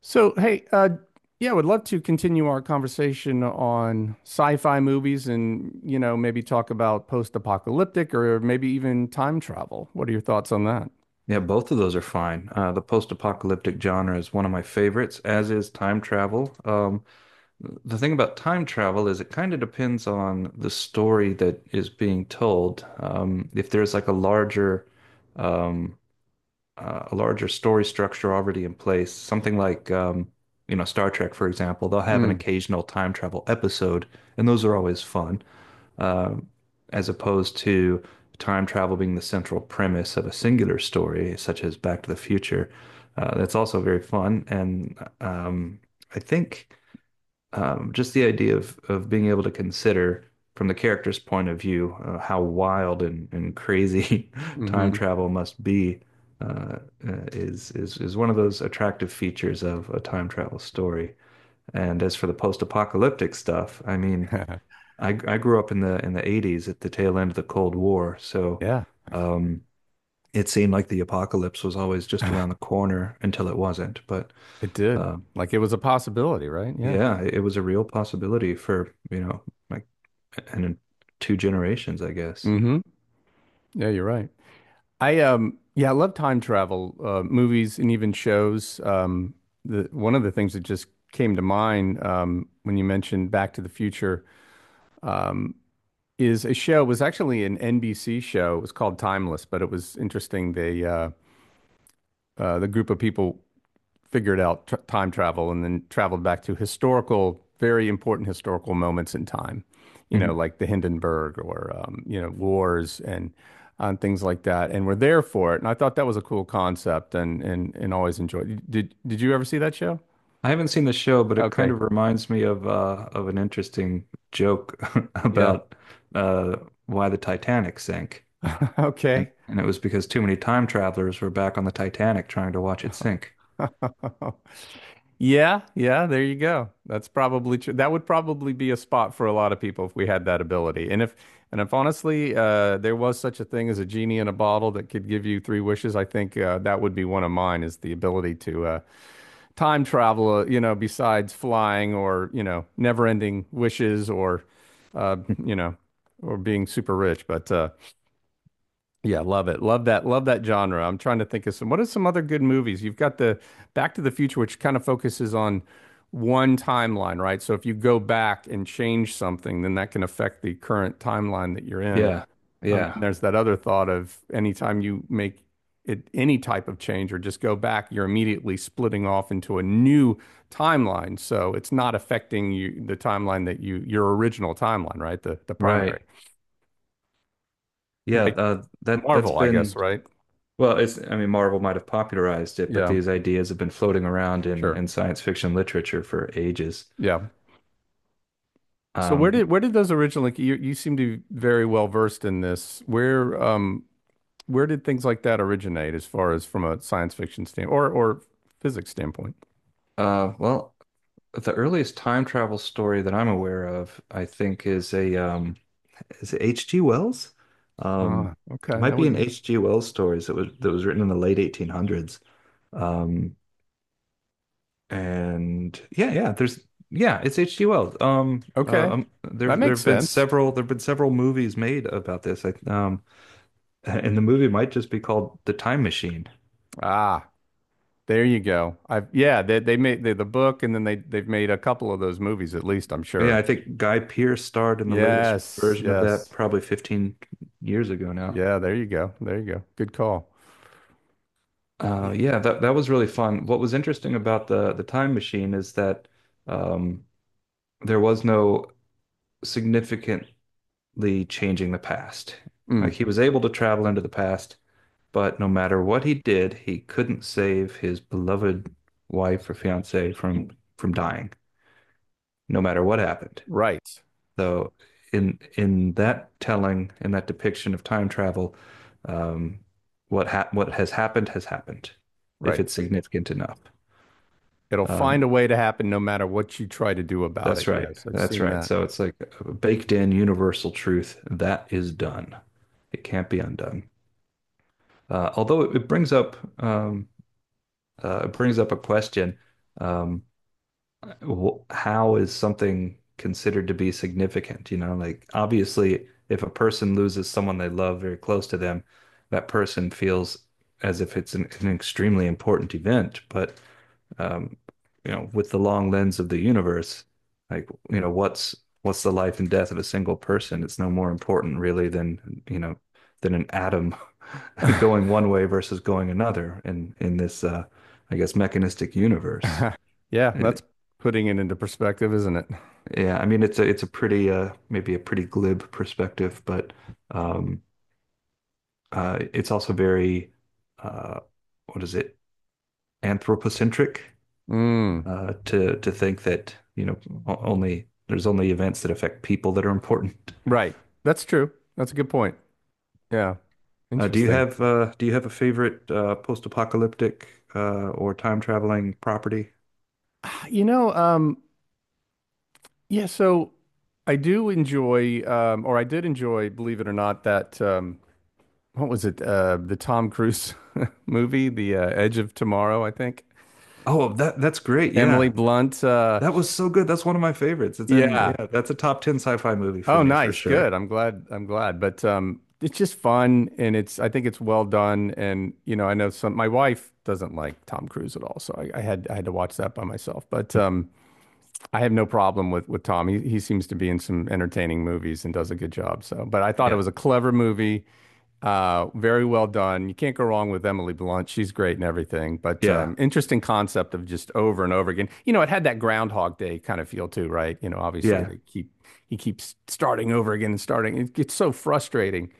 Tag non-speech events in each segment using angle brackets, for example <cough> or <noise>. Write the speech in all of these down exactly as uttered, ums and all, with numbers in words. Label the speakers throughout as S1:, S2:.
S1: So, hey, uh, yeah, I would love to continue our conversation on sci-fi movies and, you know, maybe talk about post-apocalyptic or maybe even time travel. What are your thoughts on that?
S2: Yeah, both of those are fine. Uh, the post-apocalyptic genre is one of my favorites, as is time travel. Um, the thing about time travel is it kind of depends on the story that is being told. Um, if there's like a larger, um, uh, a larger story structure already in place, something like, um, you know, Star Trek, for example, they'll have an
S1: Mm,
S2: occasional time travel episode, and those are always fun um, as opposed to time travel being the central premise of a singular story, such as Back to the Future. Uh, that's also very fun, and um, I think um, just the idea of of being able to consider from the character's point of view uh, how wild and, and crazy <laughs> time
S1: mm-hmm.
S2: travel must be uh, uh, is is is one of those attractive features of a time travel story. And as for the post-apocalyptic stuff, I mean,
S1: <laughs>
S2: I I grew up in the in the eighties at the tail end of the Cold War, so
S1: Yeah,
S2: um, it seemed like the apocalypse was always just around the
S1: <sighs>
S2: corner until it wasn't. But
S1: it did.
S2: um,
S1: Like it was a possibility, right? Yeah.
S2: yeah, it, it was a real possibility for, you know, like and in two generations, I guess.
S1: Mm-hmm. Yeah, you're right. I um yeah, I love time travel uh, movies and even shows. Um, the one of the things that just came to mind um, when you mentioned Back to the Future. Um, is a show was actually an N B C show. It was called Timeless, but it was interesting. They uh, uh, the group of people figured out tr time travel and then traveled back to historical, very important historical moments in time. You
S2: Mhm.
S1: know, like the Hindenburg or um, you know, wars and and things like that, and were there for it. And I thought that was a cool concept, and and and always enjoyed. Did did you ever see that show?
S2: I haven't seen the show, but it kind
S1: Okay,
S2: of reminds me of uh, of an interesting joke <laughs>
S1: yeah,
S2: about uh, why the Titanic sank.
S1: <laughs>
S2: And,
S1: okay.
S2: and it was because too many time travelers were back on the Titanic trying to watch it sink.
S1: <laughs> Yeah, yeah, there you go. That's probably true. That would probably be a spot for a lot of people if we had that ability. And if and if honestly, uh, there was such a thing as a genie in a bottle that could give you three wishes, I think uh, that would be one of mine is the ability to uh, time travel, uh, you know, besides flying or, you know, never-ending wishes or uh, you know, or being super rich. But uh yeah, love it. Love that. Love that genre. I'm trying to think of some. What are some other good movies? You've got the Back to the Future, which kind of focuses on one timeline, right? So if you go back and change something, then that can affect the current timeline that you're in.
S2: Yeah.
S1: Um,
S2: Yeah.
S1: and there's that other thought of anytime you make it any type of change or just go back, you're immediately splitting off into a new timeline. So it's not affecting you the timeline that you your original timeline, right? The the primary.
S2: Right. Yeah,
S1: Like
S2: uh, that that's
S1: Marvel, I guess,
S2: been
S1: right?
S2: well, it's I mean Marvel might have popularized it, but
S1: Yeah,
S2: these ideas have been floating around in
S1: sure.
S2: in science fiction literature for ages.
S1: Yeah. So where
S2: Um
S1: did where did those originally you you seem to be very well versed in this. Where um where did things like that originate as far as from a science fiction standpoint or or physics standpoint?
S2: uh well, the earliest time travel story that I'm aware of, I think is a um is it H G. Wells? Um,
S1: Ah,
S2: it
S1: okay.
S2: might
S1: That
S2: be
S1: would
S2: an
S1: make
S2: H G. Wells stories that was that was written in the late eighteen hundreds. Um And yeah, yeah, there's yeah, it's H G. Wells. Um, uh,
S1: okay.
S2: um, there
S1: That
S2: there
S1: makes
S2: have been
S1: sense.
S2: several there have been several movies made about this. I, um, <laughs> and the movie might just be called The Time Machine.
S1: Ah, there you go. I've yeah, they they made the the book and then they they've made a couple of those movies at least, I'm
S2: Yeah,
S1: sure.
S2: I think Guy Pearce starred in the latest
S1: Yes,
S2: version of that
S1: yes.
S2: probably fifteen years ago now.
S1: Yeah, there you go. There you go. Good call. Yeah.
S2: Uh, yeah, that that was really fun. What was interesting about the the Time Machine is that um, there was no significantly changing the past. Like
S1: Mm,
S2: he was able to travel into the past. But no matter what he did, he couldn't save his beloved wife or fiancée from from dying, no matter what happened.
S1: right,
S2: Though in in that telling, in that depiction of time travel, um, what ha what has happened has happened, if
S1: right.
S2: it's significant enough.
S1: It'll find
S2: Um,
S1: a way to happen no matter what you try to do about it.
S2: that's right.
S1: Yes, I've
S2: That's
S1: seen
S2: right.
S1: that.
S2: So it's like a baked in universal truth that is done. It can't be undone. Uh, although it, it brings up um, uh, it brings up a question. Um, wh- how is something considered to be significant? You know, like obviously, if a person loses someone they love very close to them, that person feels as if it's an, an extremely important event. But um, you know, with the long lens of the universe, like you know, what's what's the life and death of a single person? It's no more important really than you know than an atom <laughs> going
S1: <laughs>
S2: one way versus going another in in this uh, I guess mechanistic universe.
S1: Yeah, that's putting it into perspective, isn't it?
S2: Yeah, I mean it's a it's a pretty uh maybe a pretty glib perspective, but um uh it's also very uh what is it? Anthropocentric
S1: Mm,
S2: uh to to think that, you know, o- only there's only events that affect people that are important.
S1: right. That's true. That's a good point. Yeah.
S2: Uh do you
S1: Interesting.
S2: have uh do you have a favorite uh post-apocalyptic uh or time traveling property?
S1: You know, um, yeah, so I do enjoy, um, or I did enjoy, believe it or not, that um, what was it? Uh, the Tom Cruise <laughs> movie, The uh, Edge of Tomorrow, I think.
S2: Oh, that that's great.
S1: Emily
S2: Yeah.
S1: Blunt. Uh,
S2: That was so good. That's one of my favorites. It's in
S1: yeah,
S2: Yeah, that's a top ten sci-fi movie for
S1: oh,
S2: me for
S1: nice.
S2: sure.
S1: Good. I'm glad. I'm glad. But um, it's just fun, and it's. I think it's well done. And you know, I know some. My wife doesn't like Tom Cruise at all, so I, I had I had to watch that by myself. But um, I have no problem with with Tom. He he seems to be in some entertaining movies and does a good job. So, but I thought it
S2: Yeah.
S1: was a clever movie. Uh, very well done. You can't go wrong with Emily Blunt. She's great and everything. But
S2: Yeah.
S1: um, interesting concept of just over and over again. You know, it had that Groundhog Day kind of feel too, right? You know, obviously
S2: Yeah.
S1: they keep he keeps starting over again and starting. It gets so frustrating,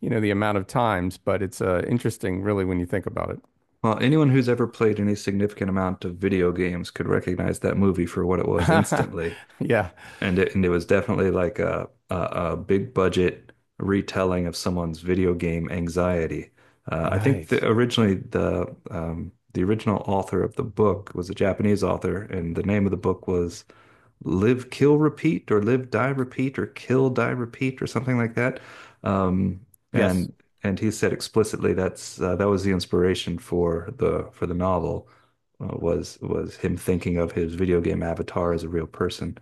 S1: you know, the amount of times. But it's uh, interesting, really, when you think about it.
S2: Well, anyone who's ever played any significant amount of video games could recognize that movie for what it was
S1: <laughs>
S2: instantly.
S1: Yeah.
S2: And it, and it was definitely like a, a, a big budget retelling of someone's video game anxiety. Uh, I think
S1: Right.
S2: the, originally the um, the original author of the book was a Japanese author, and the name of the book was live, kill, repeat, or live, die, repeat, or kill, die, repeat, or something like that. Um,
S1: Yes.
S2: and and he said explicitly that's uh, that was the inspiration for the for the novel uh, was was him thinking of his video game avatar as a real person.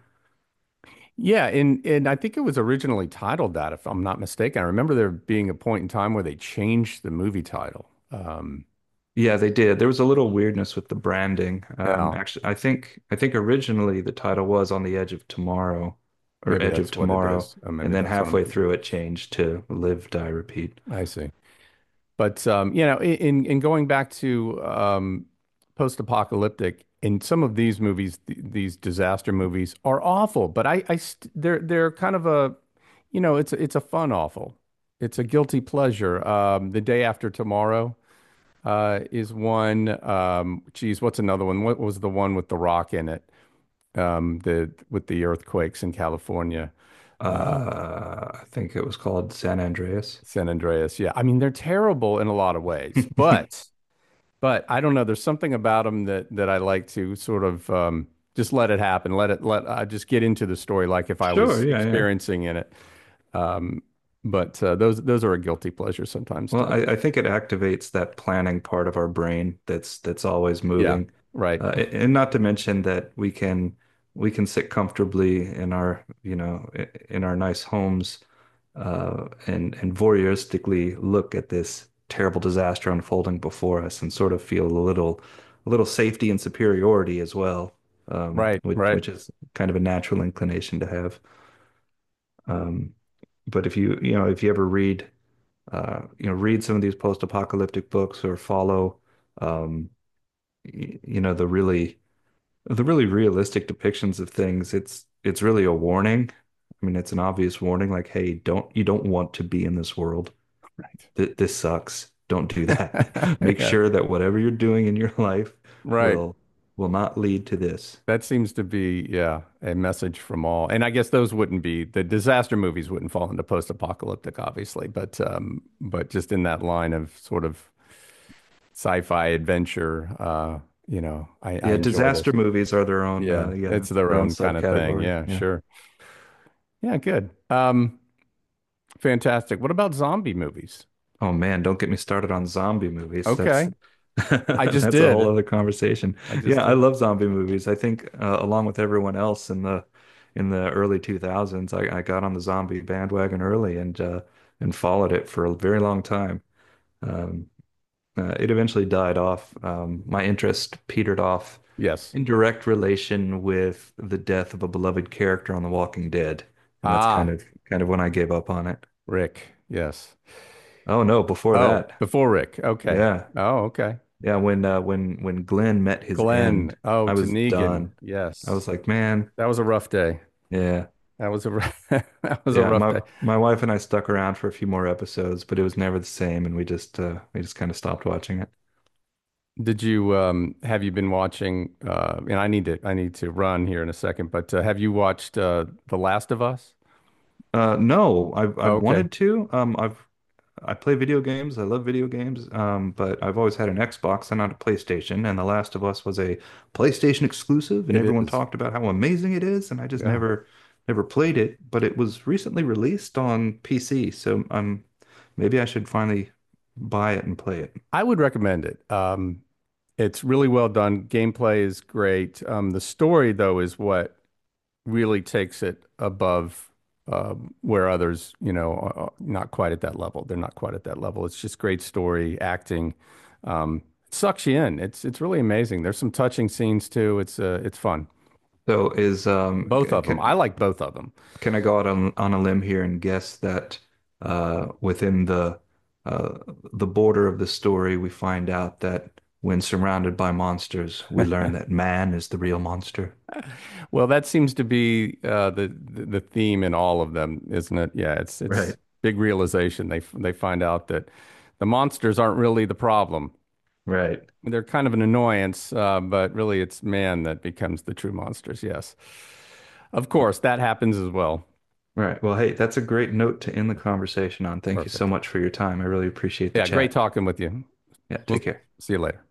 S1: Yeah, and and I think it was originally titled that, if I'm not mistaken. I remember there being a point in time where they changed the movie title. Um,
S2: Yeah, they did. There was a little weirdness with the branding. Um,
S1: yeah,
S2: actually, I think I think originally the title was On the Edge of Tomorrow or
S1: maybe
S2: Edge of
S1: that's what it
S2: Tomorrow,
S1: is. Uh,
S2: and
S1: maybe
S2: then
S1: that's what I'm
S2: halfway
S1: thinking.
S2: through it changed to Live, Die, Repeat.
S1: I see. But um, you know, in in going back to um, post-apocalyptic, in some of these movies, th these disaster movies are awful. But I, I st they're they're kind of a, you know, it's it's a fun awful. It's a guilty pleasure. Um, The Day After Tomorrow uh, is one. Um, geez, what's another one? What was the one with The Rock in it? Um, the with the earthquakes in California. Uh,
S2: Uh, I think it was called San Andreas.
S1: San Andreas. Yeah. I mean, they're terrible in a lot of ways, but
S2: <laughs>
S1: but I don't know. There's something about them that that I like to sort of um, just let it happen. Let it let I just get into the story like if I
S2: Sure,
S1: was
S2: yeah, yeah.
S1: experiencing in it. Um, but uh, those those are a guilty pleasure sometimes
S2: Well,
S1: too.
S2: I, I think it activates that planning part of our brain that's that's always
S1: Yeah.
S2: moving.
S1: Right.
S2: Uh, a-
S1: <laughs>
S2: and not to mention that we can we can sit comfortably in our, you know, i- in our nice homes uh, and and voyeuristically look at this terrible disaster unfolding before us and sort of feel a little a little safety and superiority as well, um,
S1: Right.
S2: which
S1: Right.
S2: which is kind of a natural inclination to have. Um, but if you, you know, if you ever read, uh, you know, read some of these post-apocalyptic books or follow, um, y- you know, the really, the really realistic depictions of things, it's, it's really a warning. I mean, it's an obvious warning, like, hey, don't, you don't want to be in this world. Th This sucks. Don't do
S1: <laughs>
S2: that. <laughs> Make
S1: Yeah.
S2: sure that whatever you're doing in your <laughs> life
S1: Right.
S2: will, will not lead to this.
S1: That seems to be, yeah, a message from all. And I guess those wouldn't be the disaster movies wouldn't fall into post-apocalyptic, obviously, but um, but just in that line of sort of sci-fi adventure, uh, you know, I, I
S2: Yeah,
S1: enjoy
S2: disaster
S1: those.
S2: movies are their own,
S1: Yeah,
S2: uh, yeah,
S1: it's
S2: it's
S1: their
S2: their own
S1: own kind of thing.
S2: subcategory.
S1: Yeah,
S2: Yeah.
S1: sure. Yeah, good. Um, fantastic. What about zombie movies?
S2: Oh man, don't get me started on zombie movies.
S1: Okay,
S2: That's <laughs>
S1: I just
S2: that's a whole
S1: did.
S2: other conversation.
S1: I just
S2: Yeah, I
S1: did.
S2: love zombie movies. I think uh, along with everyone else in the in the early two thousands, I, I got on the zombie bandwagon early and uh, and followed it for a very long time. Um, uh, it eventually died off. Um, my interest petered off
S1: Yes.
S2: in direct relation with the death of a beloved character on The Walking Dead, and that's kind
S1: Ah,
S2: of kind of when I gave up on it.
S1: Rick. Yes.
S2: Oh no, before
S1: Oh,
S2: that.
S1: before Rick. Okay.
S2: Yeah,
S1: Oh, okay.
S2: yeah, when uh, when when Glenn met his
S1: Glenn.
S2: end,
S1: Oh,
S2: I was
S1: to
S2: done. I was
S1: yes.
S2: like, man,
S1: That was a rough day.
S2: yeah,
S1: That was a rough, <laughs> that was a
S2: yeah.
S1: rough
S2: My
S1: day.
S2: my wife and I stuck around for a few more episodes, but it was never the same, and we just uh, we just kind of stopped watching it.
S1: Did you um have you been watching uh and I need to I need to run here in a second, but uh, have you watched uh The Last of Us?
S2: Uh, no, I've I've
S1: Okay.
S2: wanted to. Um, I've I play video games. I love video games. Um, but I've always had an Xbox and not a PlayStation. And The Last of Us was a PlayStation exclusive, and
S1: It
S2: everyone
S1: is.
S2: talked about how amazing it is. And I just
S1: Yeah.
S2: never, never played it. But it was recently released on P C, so um, maybe I should finally buy it and play it.
S1: I would recommend it. Um it's really well done. Gameplay is great. Um the story though is what really takes it above um, where others, you know, are not quite at that level. They're not quite at that level. It's just great story, acting. Um, it sucks you in. It's it's really amazing. There's some touching scenes too. It's uh, it's fun.
S2: So is um,
S1: Both of
S2: c-
S1: them. I like both of them.
S2: Can I go out on, on a limb here and guess that uh, within the uh, the border of the story, we find out that when surrounded by monsters, we learn that man is the real monster.
S1: Well, that seems to be uh, the the theme in all of them, isn't it? Yeah, it's
S2: Right,
S1: it's big realization. They they find out that the monsters aren't really the problem.
S2: right.
S1: They're kind of an annoyance, uh, but really it's man that becomes the true monsters. Yes. Of course, that happens as well.
S2: Right. Well, hey, that's a great note to end the
S1: Yeah.
S2: conversation on. Thank you so
S1: Perfect.
S2: much for your time. I really appreciate the
S1: Yeah, great
S2: chat.
S1: talking with you.
S2: Yeah, take
S1: We'll
S2: care.
S1: see you later.